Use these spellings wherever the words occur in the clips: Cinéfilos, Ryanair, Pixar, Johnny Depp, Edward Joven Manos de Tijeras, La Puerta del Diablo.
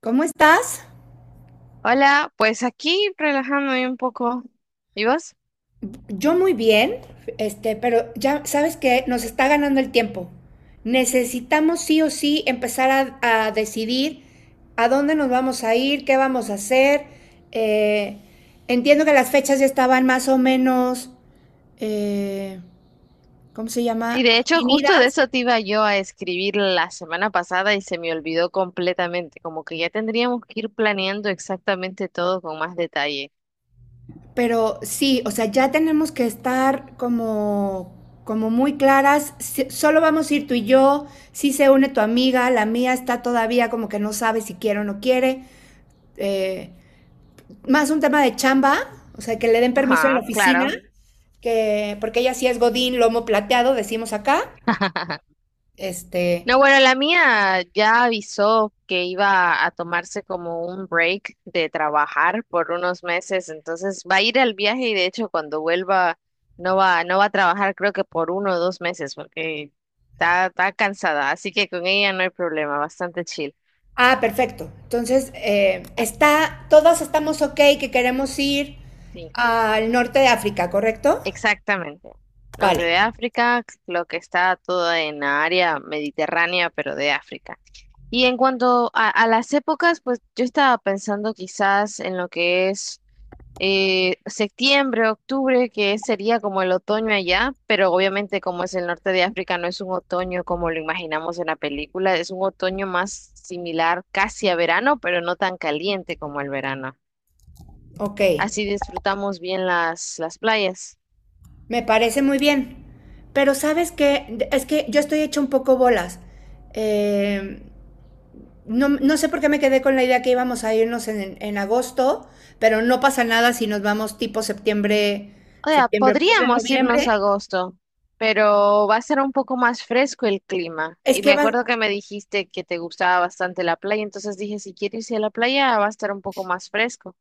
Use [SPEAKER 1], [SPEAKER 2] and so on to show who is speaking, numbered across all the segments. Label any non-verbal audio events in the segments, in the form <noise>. [SPEAKER 1] ¿Cómo estás?
[SPEAKER 2] Hola, pues aquí relajándome un poco. ¿Y vos?
[SPEAKER 1] Yo muy bien, pero ya sabes que nos está ganando el tiempo. Necesitamos sí o sí empezar a decidir a dónde nos vamos a ir, qué vamos a hacer. Eh, Entiendo que las fechas ya estaban más o menos, eh, ¿cómo se
[SPEAKER 2] Sí,
[SPEAKER 1] llama?
[SPEAKER 2] de hecho, justo de
[SPEAKER 1] Definidas.
[SPEAKER 2] eso te iba yo a escribir la semana pasada y se me olvidó completamente, como que ya tendríamos que ir planeando exactamente todo con más detalle.
[SPEAKER 1] Pero sí, o sea, ya tenemos que estar como muy claras. Solo vamos a ir tú y yo. Si se une tu amiga, la mía está todavía como que no sabe si quiere o no quiere. Eh, Más un tema de chamba, o sea, que le den permiso en la
[SPEAKER 2] Ajá,
[SPEAKER 1] oficina,
[SPEAKER 2] claro.
[SPEAKER 1] que porque ella sí es Godín, lomo plateado, decimos acá.
[SPEAKER 2] <laughs>
[SPEAKER 1] Este,
[SPEAKER 2] No, bueno, la mía ya avisó que iba a tomarse como un break de trabajar por unos meses, entonces va a ir al viaje y de hecho cuando vuelva no va a trabajar creo que por 1 o 2 meses porque está cansada, así que con ella no hay problema, bastante chill.
[SPEAKER 1] ah, perfecto. Entonces, está, todas estamos ok que queremos ir
[SPEAKER 2] Sí,
[SPEAKER 1] al norte de África, ¿correcto?
[SPEAKER 2] exactamente. Norte
[SPEAKER 1] Vale,
[SPEAKER 2] de África, lo que está todo en la área mediterránea, pero de África. Y en cuanto a las épocas, pues yo estaba pensando quizás en lo que es septiembre, octubre, que sería como el otoño allá, pero obviamente como es el norte de África, no es un otoño como lo imaginamos en la película, es un otoño más similar casi a verano, pero no tan caliente como el verano.
[SPEAKER 1] ok.
[SPEAKER 2] Así disfrutamos bien las playas.
[SPEAKER 1] Me parece muy bien. Pero sabes que es que yo estoy hecha un poco bolas. Eh, no, sé por qué me quedé con la idea que íbamos a irnos en agosto, pero no pasa nada si nos vamos tipo septiembre,
[SPEAKER 2] O sea,
[SPEAKER 1] septiembre, octubre,
[SPEAKER 2] podríamos irnos a
[SPEAKER 1] noviembre.
[SPEAKER 2] agosto, pero va a ser un poco más fresco el clima.
[SPEAKER 1] Es
[SPEAKER 2] Y
[SPEAKER 1] que
[SPEAKER 2] me
[SPEAKER 1] va,
[SPEAKER 2] acuerdo que me dijiste que te gustaba bastante la playa, entonces dije, si quieres ir a la playa, va a estar un poco más fresco.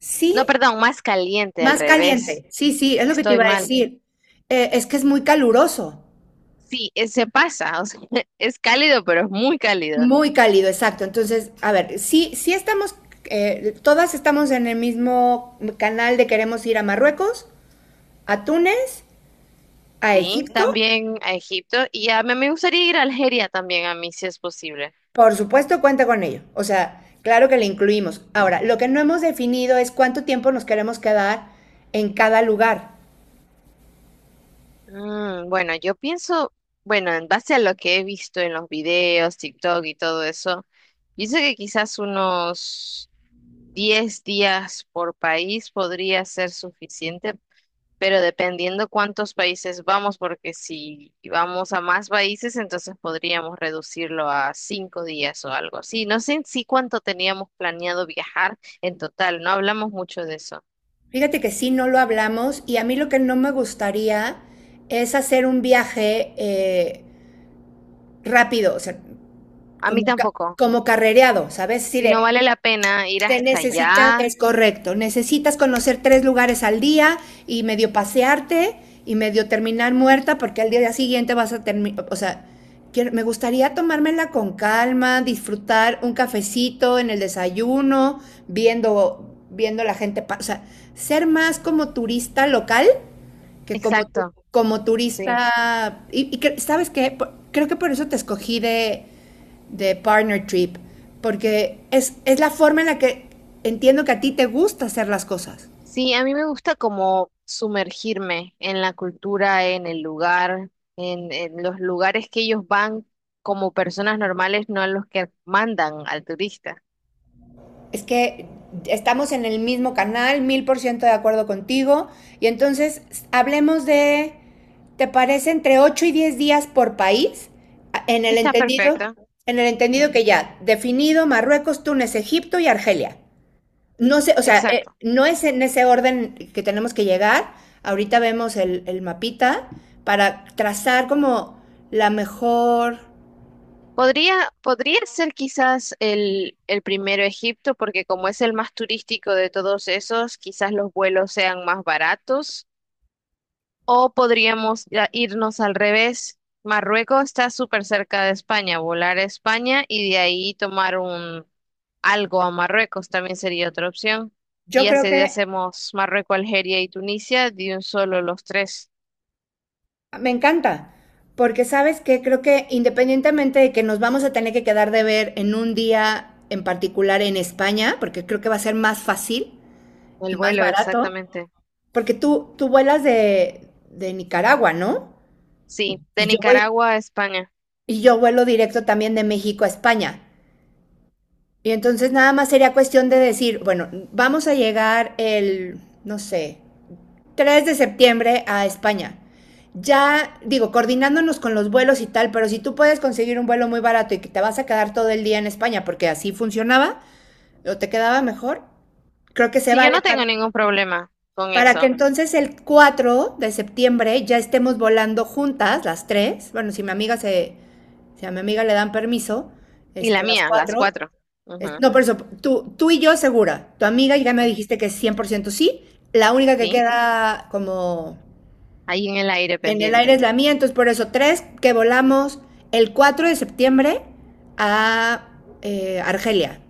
[SPEAKER 1] sí,
[SPEAKER 2] No, perdón, más caliente al
[SPEAKER 1] más
[SPEAKER 2] revés.
[SPEAKER 1] caliente. Sí, sí, es lo que te
[SPEAKER 2] Estoy
[SPEAKER 1] iba a
[SPEAKER 2] mal.
[SPEAKER 1] decir. Es que es muy caluroso,
[SPEAKER 2] Sí, se pasa, o sea, <laughs> es cálido, pero es muy cálido.
[SPEAKER 1] muy cálido, exacto. Entonces, a ver, sí, sí estamos, todas estamos en el mismo canal de queremos ir a Marruecos, a Túnez, a
[SPEAKER 2] Sí,
[SPEAKER 1] Egipto,
[SPEAKER 2] también a Egipto y a mí me gustaría ir a Algeria también a mí si es posible.
[SPEAKER 1] por supuesto cuenta con ello. O sea, claro que le incluimos. Ahora, lo que no hemos definido es cuánto tiempo nos queremos quedar en cada lugar.
[SPEAKER 2] Mm, bueno, yo pienso, bueno, en base a lo que he visto en los videos, TikTok y todo eso, pienso que quizás unos 10 días por país podría ser suficiente pero dependiendo cuántos países vamos, porque si vamos a más países, entonces podríamos reducirlo a 5 días o algo así. No sé en sí cuánto teníamos planeado viajar en total, no hablamos mucho de eso.
[SPEAKER 1] Fíjate que sí, no lo hablamos, y a mí lo que no me gustaría es hacer un viaje rápido, o sea,
[SPEAKER 2] A mí
[SPEAKER 1] como, ca-
[SPEAKER 2] tampoco.
[SPEAKER 1] como carrereado, ¿sabes? Sí,
[SPEAKER 2] Si no
[SPEAKER 1] de
[SPEAKER 2] vale la pena ir
[SPEAKER 1] Se
[SPEAKER 2] hasta
[SPEAKER 1] necesitan,
[SPEAKER 2] allá.
[SPEAKER 1] es correcto, necesitas conocer tres lugares al día y medio pasearte y medio terminar muerta porque al día siguiente vas a terminar, o sea, quiero, me gustaría tomármela con calma, disfrutar un cafecito en el desayuno, viendo la gente, o sea, ser más como turista local que como,
[SPEAKER 2] Exacto,
[SPEAKER 1] como
[SPEAKER 2] sí.
[SPEAKER 1] turista, ¿sabes qué? Creo que por eso te escogí de partner trip, porque es la forma en la que entiendo que a ti te gusta hacer las cosas.
[SPEAKER 2] Sí, a mí me gusta como sumergirme en la cultura, en el lugar, en los lugares que ellos van como personas normales, no a los que mandan al turista.
[SPEAKER 1] Es que estamos en el mismo canal, 1000% de acuerdo contigo, y entonces hablemos de, ¿te parece entre 8 y 10 días por país? En el
[SPEAKER 2] Está
[SPEAKER 1] entendido,
[SPEAKER 2] perfecta.
[SPEAKER 1] en el entendido
[SPEAKER 2] Ujú.
[SPEAKER 1] que ya, definido Marruecos, Túnez, Egipto y Argelia. No sé, o sea,
[SPEAKER 2] Exacto.
[SPEAKER 1] no es en ese orden que tenemos que llegar. Ahorita vemos el mapita para trazar como la mejor.
[SPEAKER 2] Podría ser quizás el primero Egipto, porque como es el más turístico de todos esos, quizás los vuelos sean más baratos. O podríamos ya irnos al revés. Marruecos está súper cerca de España, volar a España y de ahí tomar un algo a Marruecos también sería otra opción.
[SPEAKER 1] Yo
[SPEAKER 2] Y así
[SPEAKER 1] creo que
[SPEAKER 2] hacemos Marruecos, Algeria y Tunisia de un solo los tres.
[SPEAKER 1] me encanta, porque sabes que creo que independientemente de que nos vamos a tener que quedar de ver en un día en particular en España, porque creo que va a ser más fácil
[SPEAKER 2] El
[SPEAKER 1] y más
[SPEAKER 2] vuelo,
[SPEAKER 1] barato,
[SPEAKER 2] exactamente.
[SPEAKER 1] porque tú vuelas de Nicaragua, ¿no?
[SPEAKER 2] Sí,
[SPEAKER 1] Y
[SPEAKER 2] de
[SPEAKER 1] yo voy,
[SPEAKER 2] Nicaragua a España.
[SPEAKER 1] y yo vuelo directo también de México a España. Y entonces nada más sería cuestión de decir, bueno, vamos a llegar el, no sé, 3 de septiembre a España. Ya, digo, coordinándonos con los vuelos y tal, pero si tú puedes conseguir un vuelo muy barato y que te vas a quedar todo el día en España, porque así funcionaba, o te quedaba mejor, creo que se
[SPEAKER 2] Sí, yo no
[SPEAKER 1] vale
[SPEAKER 2] tengo ningún problema con
[SPEAKER 1] para que
[SPEAKER 2] eso.
[SPEAKER 1] entonces el 4 de septiembre ya estemos volando juntas, las tres. Bueno, si mi amiga se, si a mi amiga le dan permiso,
[SPEAKER 2] Y la
[SPEAKER 1] las
[SPEAKER 2] mía, las
[SPEAKER 1] cuatro,
[SPEAKER 2] cuatro. Ujú,
[SPEAKER 1] no, por eso, tú y yo segura. Tu amiga ya me
[SPEAKER 2] ujú.
[SPEAKER 1] dijiste que es 100% sí. La única que
[SPEAKER 2] Sí,
[SPEAKER 1] queda como
[SPEAKER 2] ahí en el aire
[SPEAKER 1] en el aire es
[SPEAKER 2] pendiente.
[SPEAKER 1] la mía. Entonces, por eso, tres que volamos el 4 de septiembre a Argelia.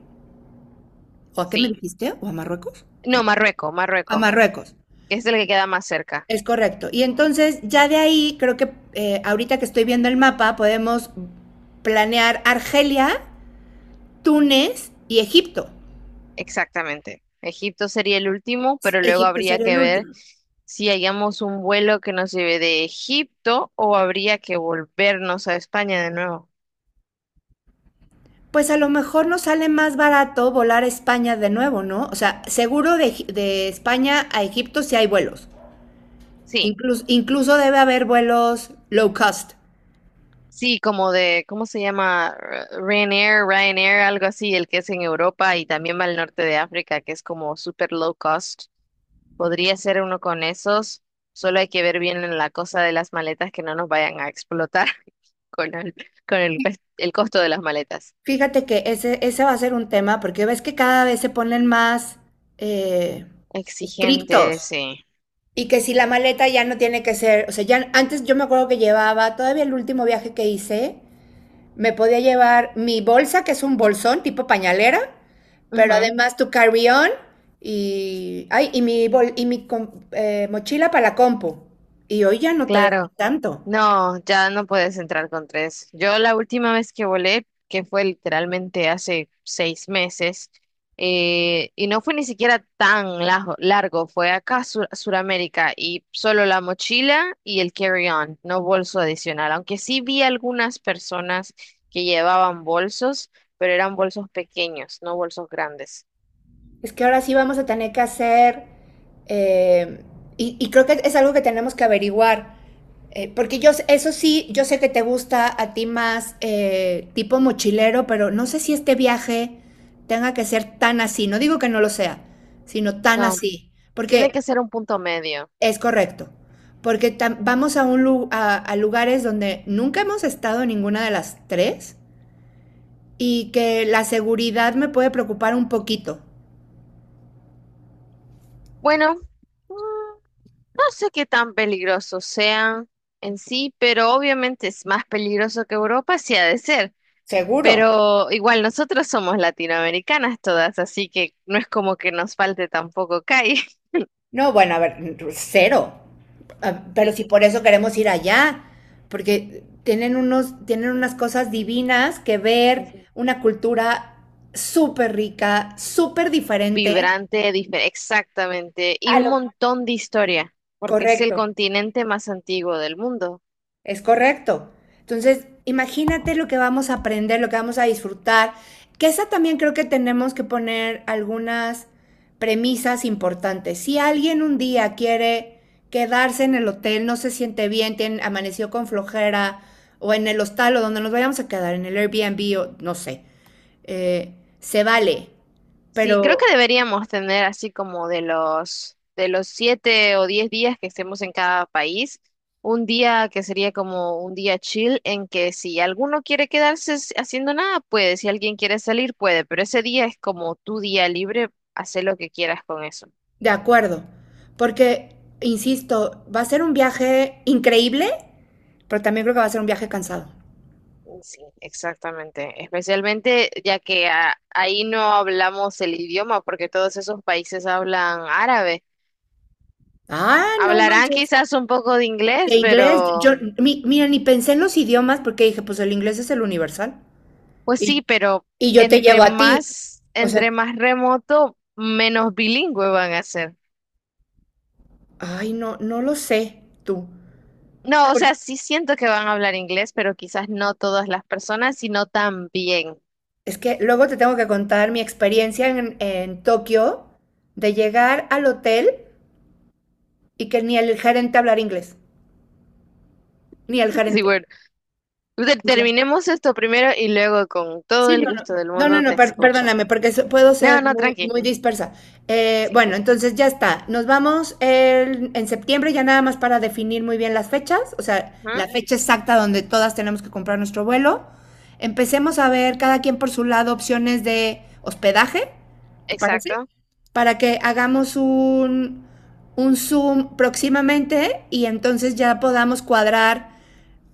[SPEAKER 1] ¿O a qué me
[SPEAKER 2] Sí.
[SPEAKER 1] dijiste? ¿O a Marruecos?
[SPEAKER 2] No,
[SPEAKER 1] ¿Era?
[SPEAKER 2] Marruecos,
[SPEAKER 1] A
[SPEAKER 2] Marruecos,
[SPEAKER 1] Marruecos.
[SPEAKER 2] que es el que queda más cerca.
[SPEAKER 1] Es correcto. Y entonces, ya de ahí, creo que ahorita que estoy viendo el mapa, podemos planear Argelia, Túnez y Egipto.
[SPEAKER 2] Exactamente. Egipto sería el último, pero luego
[SPEAKER 1] Egipto
[SPEAKER 2] habría
[SPEAKER 1] sería
[SPEAKER 2] que
[SPEAKER 1] el
[SPEAKER 2] ver
[SPEAKER 1] último.
[SPEAKER 2] si hallamos un vuelo que nos lleve de Egipto o habría que volvernos a España de nuevo.
[SPEAKER 1] Pues a lo mejor nos sale más barato volar a España de nuevo, ¿no? O sea, seguro de España a Egipto sí hay vuelos.
[SPEAKER 2] Sí.
[SPEAKER 1] Incluso debe haber vuelos low cost.
[SPEAKER 2] Sí, como de, ¿cómo se llama? Ryanair, Ryanair, algo así, el que es en Europa y también va al norte de África, que es como super low cost. Podría ser uno con esos. Solo hay que ver bien en la cosa de las maletas que no nos vayan a explotar <laughs> con el, con el el costo de las maletas.
[SPEAKER 1] Fíjate que ese va a ser un tema porque ves que cada vez se ponen más eh,
[SPEAKER 2] Exigente,
[SPEAKER 1] estrictos.
[SPEAKER 2] sí.
[SPEAKER 1] Y que si la maleta ya no tiene que ser, o sea, ya antes yo me acuerdo que llevaba, todavía el último viaje que hice, me podía llevar mi bolsa, que es un bolsón tipo pañalera, pero
[SPEAKER 2] Ujú,
[SPEAKER 1] además tu carry-on y, ay, mochila para la compu. Y hoy ya no te dejan
[SPEAKER 2] claro.
[SPEAKER 1] tanto.
[SPEAKER 2] No, ya no puedes entrar con tres. Yo la última vez que volé, que fue literalmente hace 6 meses, y no fue ni siquiera tan largo, fue acá a Suramérica y solo la mochila y el carry-on, no bolso adicional, aunque sí vi algunas personas que llevaban bolsos, pero eran bolsos pequeños, no bolsos grandes.
[SPEAKER 1] Es que ahora sí vamos a tener que hacer, eh, y creo que es algo que tenemos que averiguar. Porque yo, eso sí, yo sé que te gusta a ti más tipo mochilero, pero no sé si este viaje tenga que ser tan así. No digo que no lo sea, sino tan
[SPEAKER 2] No,
[SPEAKER 1] así.
[SPEAKER 2] tiene
[SPEAKER 1] Porque
[SPEAKER 2] que ser un punto medio.
[SPEAKER 1] es correcto, porque vamos a, a lugares donde nunca hemos estado en ninguna de las tres y que la seguridad me puede preocupar un poquito.
[SPEAKER 2] Bueno. No sé qué tan peligrosos sean en sí, pero obviamente es más peligroso que Europa, sí ha de ser.
[SPEAKER 1] Seguro.
[SPEAKER 2] Pero igual nosotros somos latinoamericanas todas, así que no es como que nos falte tampoco calle.
[SPEAKER 1] No, bueno, a ver, cero. Ah,
[SPEAKER 2] <laughs>
[SPEAKER 1] pero
[SPEAKER 2] Y
[SPEAKER 1] si por eso queremos ir allá, porque tienen unos, tienen unas cosas divinas que ver, una cultura súper rica, súper diferente.
[SPEAKER 2] vibrante, exactamente, y
[SPEAKER 1] A
[SPEAKER 2] un
[SPEAKER 1] lo
[SPEAKER 2] montón de historia, porque es el
[SPEAKER 1] correcto.
[SPEAKER 2] continente más antiguo del mundo.
[SPEAKER 1] Es correcto. Entonces, imagínate lo que vamos a aprender, lo que vamos a disfrutar, que esa también creo que tenemos que poner algunas premisas importantes. Si alguien un día quiere quedarse en el hotel, no se siente bien, tiene, amaneció con flojera, o en el hostal o donde nos vayamos a quedar, en el Airbnb o no sé, eh, se vale,
[SPEAKER 2] Sí, creo
[SPEAKER 1] pero
[SPEAKER 2] que deberíamos tener así como de los 7 o 10 días que estemos en cada país, un día que sería como un día chill en que si alguno quiere quedarse haciendo nada, puede, si alguien quiere salir, puede, pero ese día es como tu día libre, hacer lo que quieras con eso.
[SPEAKER 1] de acuerdo, porque, insisto, va a ser un viaje increíble, pero también creo que va a ser un viaje cansado.
[SPEAKER 2] Sí, exactamente. Especialmente ya que ahí no hablamos el idioma, porque todos esos países hablan árabe.
[SPEAKER 1] Ah, no
[SPEAKER 2] Hablarán
[SPEAKER 1] manches.
[SPEAKER 2] quizás un poco de
[SPEAKER 1] De
[SPEAKER 2] inglés,
[SPEAKER 1] inglés, yo,
[SPEAKER 2] pero
[SPEAKER 1] mira, ni pensé en los idiomas porque dije, pues el inglés es el universal.
[SPEAKER 2] pues
[SPEAKER 1] Y,
[SPEAKER 2] sí, pero
[SPEAKER 1] y yo te
[SPEAKER 2] entre
[SPEAKER 1] llevo a ti.
[SPEAKER 2] más,
[SPEAKER 1] O
[SPEAKER 2] entre
[SPEAKER 1] sea,
[SPEAKER 2] más remoto, menos bilingüe van a ser.
[SPEAKER 1] ay, no, no lo sé tú.
[SPEAKER 2] No, o
[SPEAKER 1] Por-
[SPEAKER 2] sea, sí siento que van a hablar inglés, pero quizás no todas las personas, sino también.
[SPEAKER 1] es que luego te tengo que contar mi experiencia en Tokio de llegar al hotel y que ni el gerente hablar inglés, ni el
[SPEAKER 2] <laughs> Sí,
[SPEAKER 1] gerente.
[SPEAKER 2] bueno, terminemos esto primero y luego con todo
[SPEAKER 1] Sí,
[SPEAKER 2] el
[SPEAKER 1] no, no,
[SPEAKER 2] gusto del
[SPEAKER 1] no, no,
[SPEAKER 2] mundo te
[SPEAKER 1] no,
[SPEAKER 2] escucho.
[SPEAKER 1] perdóname, porque puedo
[SPEAKER 2] No,
[SPEAKER 1] ser
[SPEAKER 2] no,
[SPEAKER 1] muy,
[SPEAKER 2] tranqui.
[SPEAKER 1] muy dispersa.
[SPEAKER 2] Sí.
[SPEAKER 1] Bueno, entonces ya está. Nos vamos en septiembre ya nada más para definir muy bien las fechas, o sea,
[SPEAKER 2] Ujú,
[SPEAKER 1] la fecha exacta donde todas tenemos que comprar nuestro vuelo. Empecemos a ver cada quien por su lado opciones de hospedaje, ¿te parece?
[SPEAKER 2] exacto.
[SPEAKER 1] Para que hagamos un Zoom próximamente y entonces ya podamos cuadrar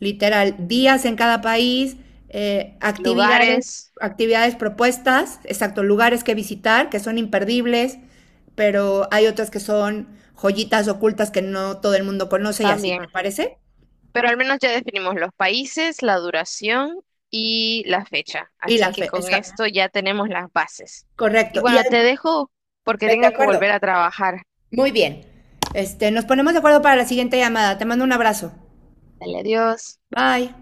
[SPEAKER 1] literal, días en cada país, actividades,
[SPEAKER 2] Lugares
[SPEAKER 1] actividades propuestas, exacto, lugares que visitar que son imperdibles, pero hay otras que son joyitas ocultas que no todo el mundo conoce y así, ¿te
[SPEAKER 2] también.
[SPEAKER 1] parece?
[SPEAKER 2] Pero al menos ya definimos los países, la duración y la fecha.
[SPEAKER 1] Y
[SPEAKER 2] Así
[SPEAKER 1] las
[SPEAKER 2] que
[SPEAKER 1] fe,
[SPEAKER 2] con
[SPEAKER 1] exa-
[SPEAKER 2] esto ya tenemos las bases. Y
[SPEAKER 1] Correcto.
[SPEAKER 2] bueno, te dejo porque
[SPEAKER 1] Ve, de
[SPEAKER 2] tengo que
[SPEAKER 1] acuerdo.
[SPEAKER 2] volver a trabajar.
[SPEAKER 1] Muy bien. Nos ponemos de acuerdo para la siguiente llamada. Te mando un abrazo.
[SPEAKER 2] Dale, adiós.
[SPEAKER 1] Bye.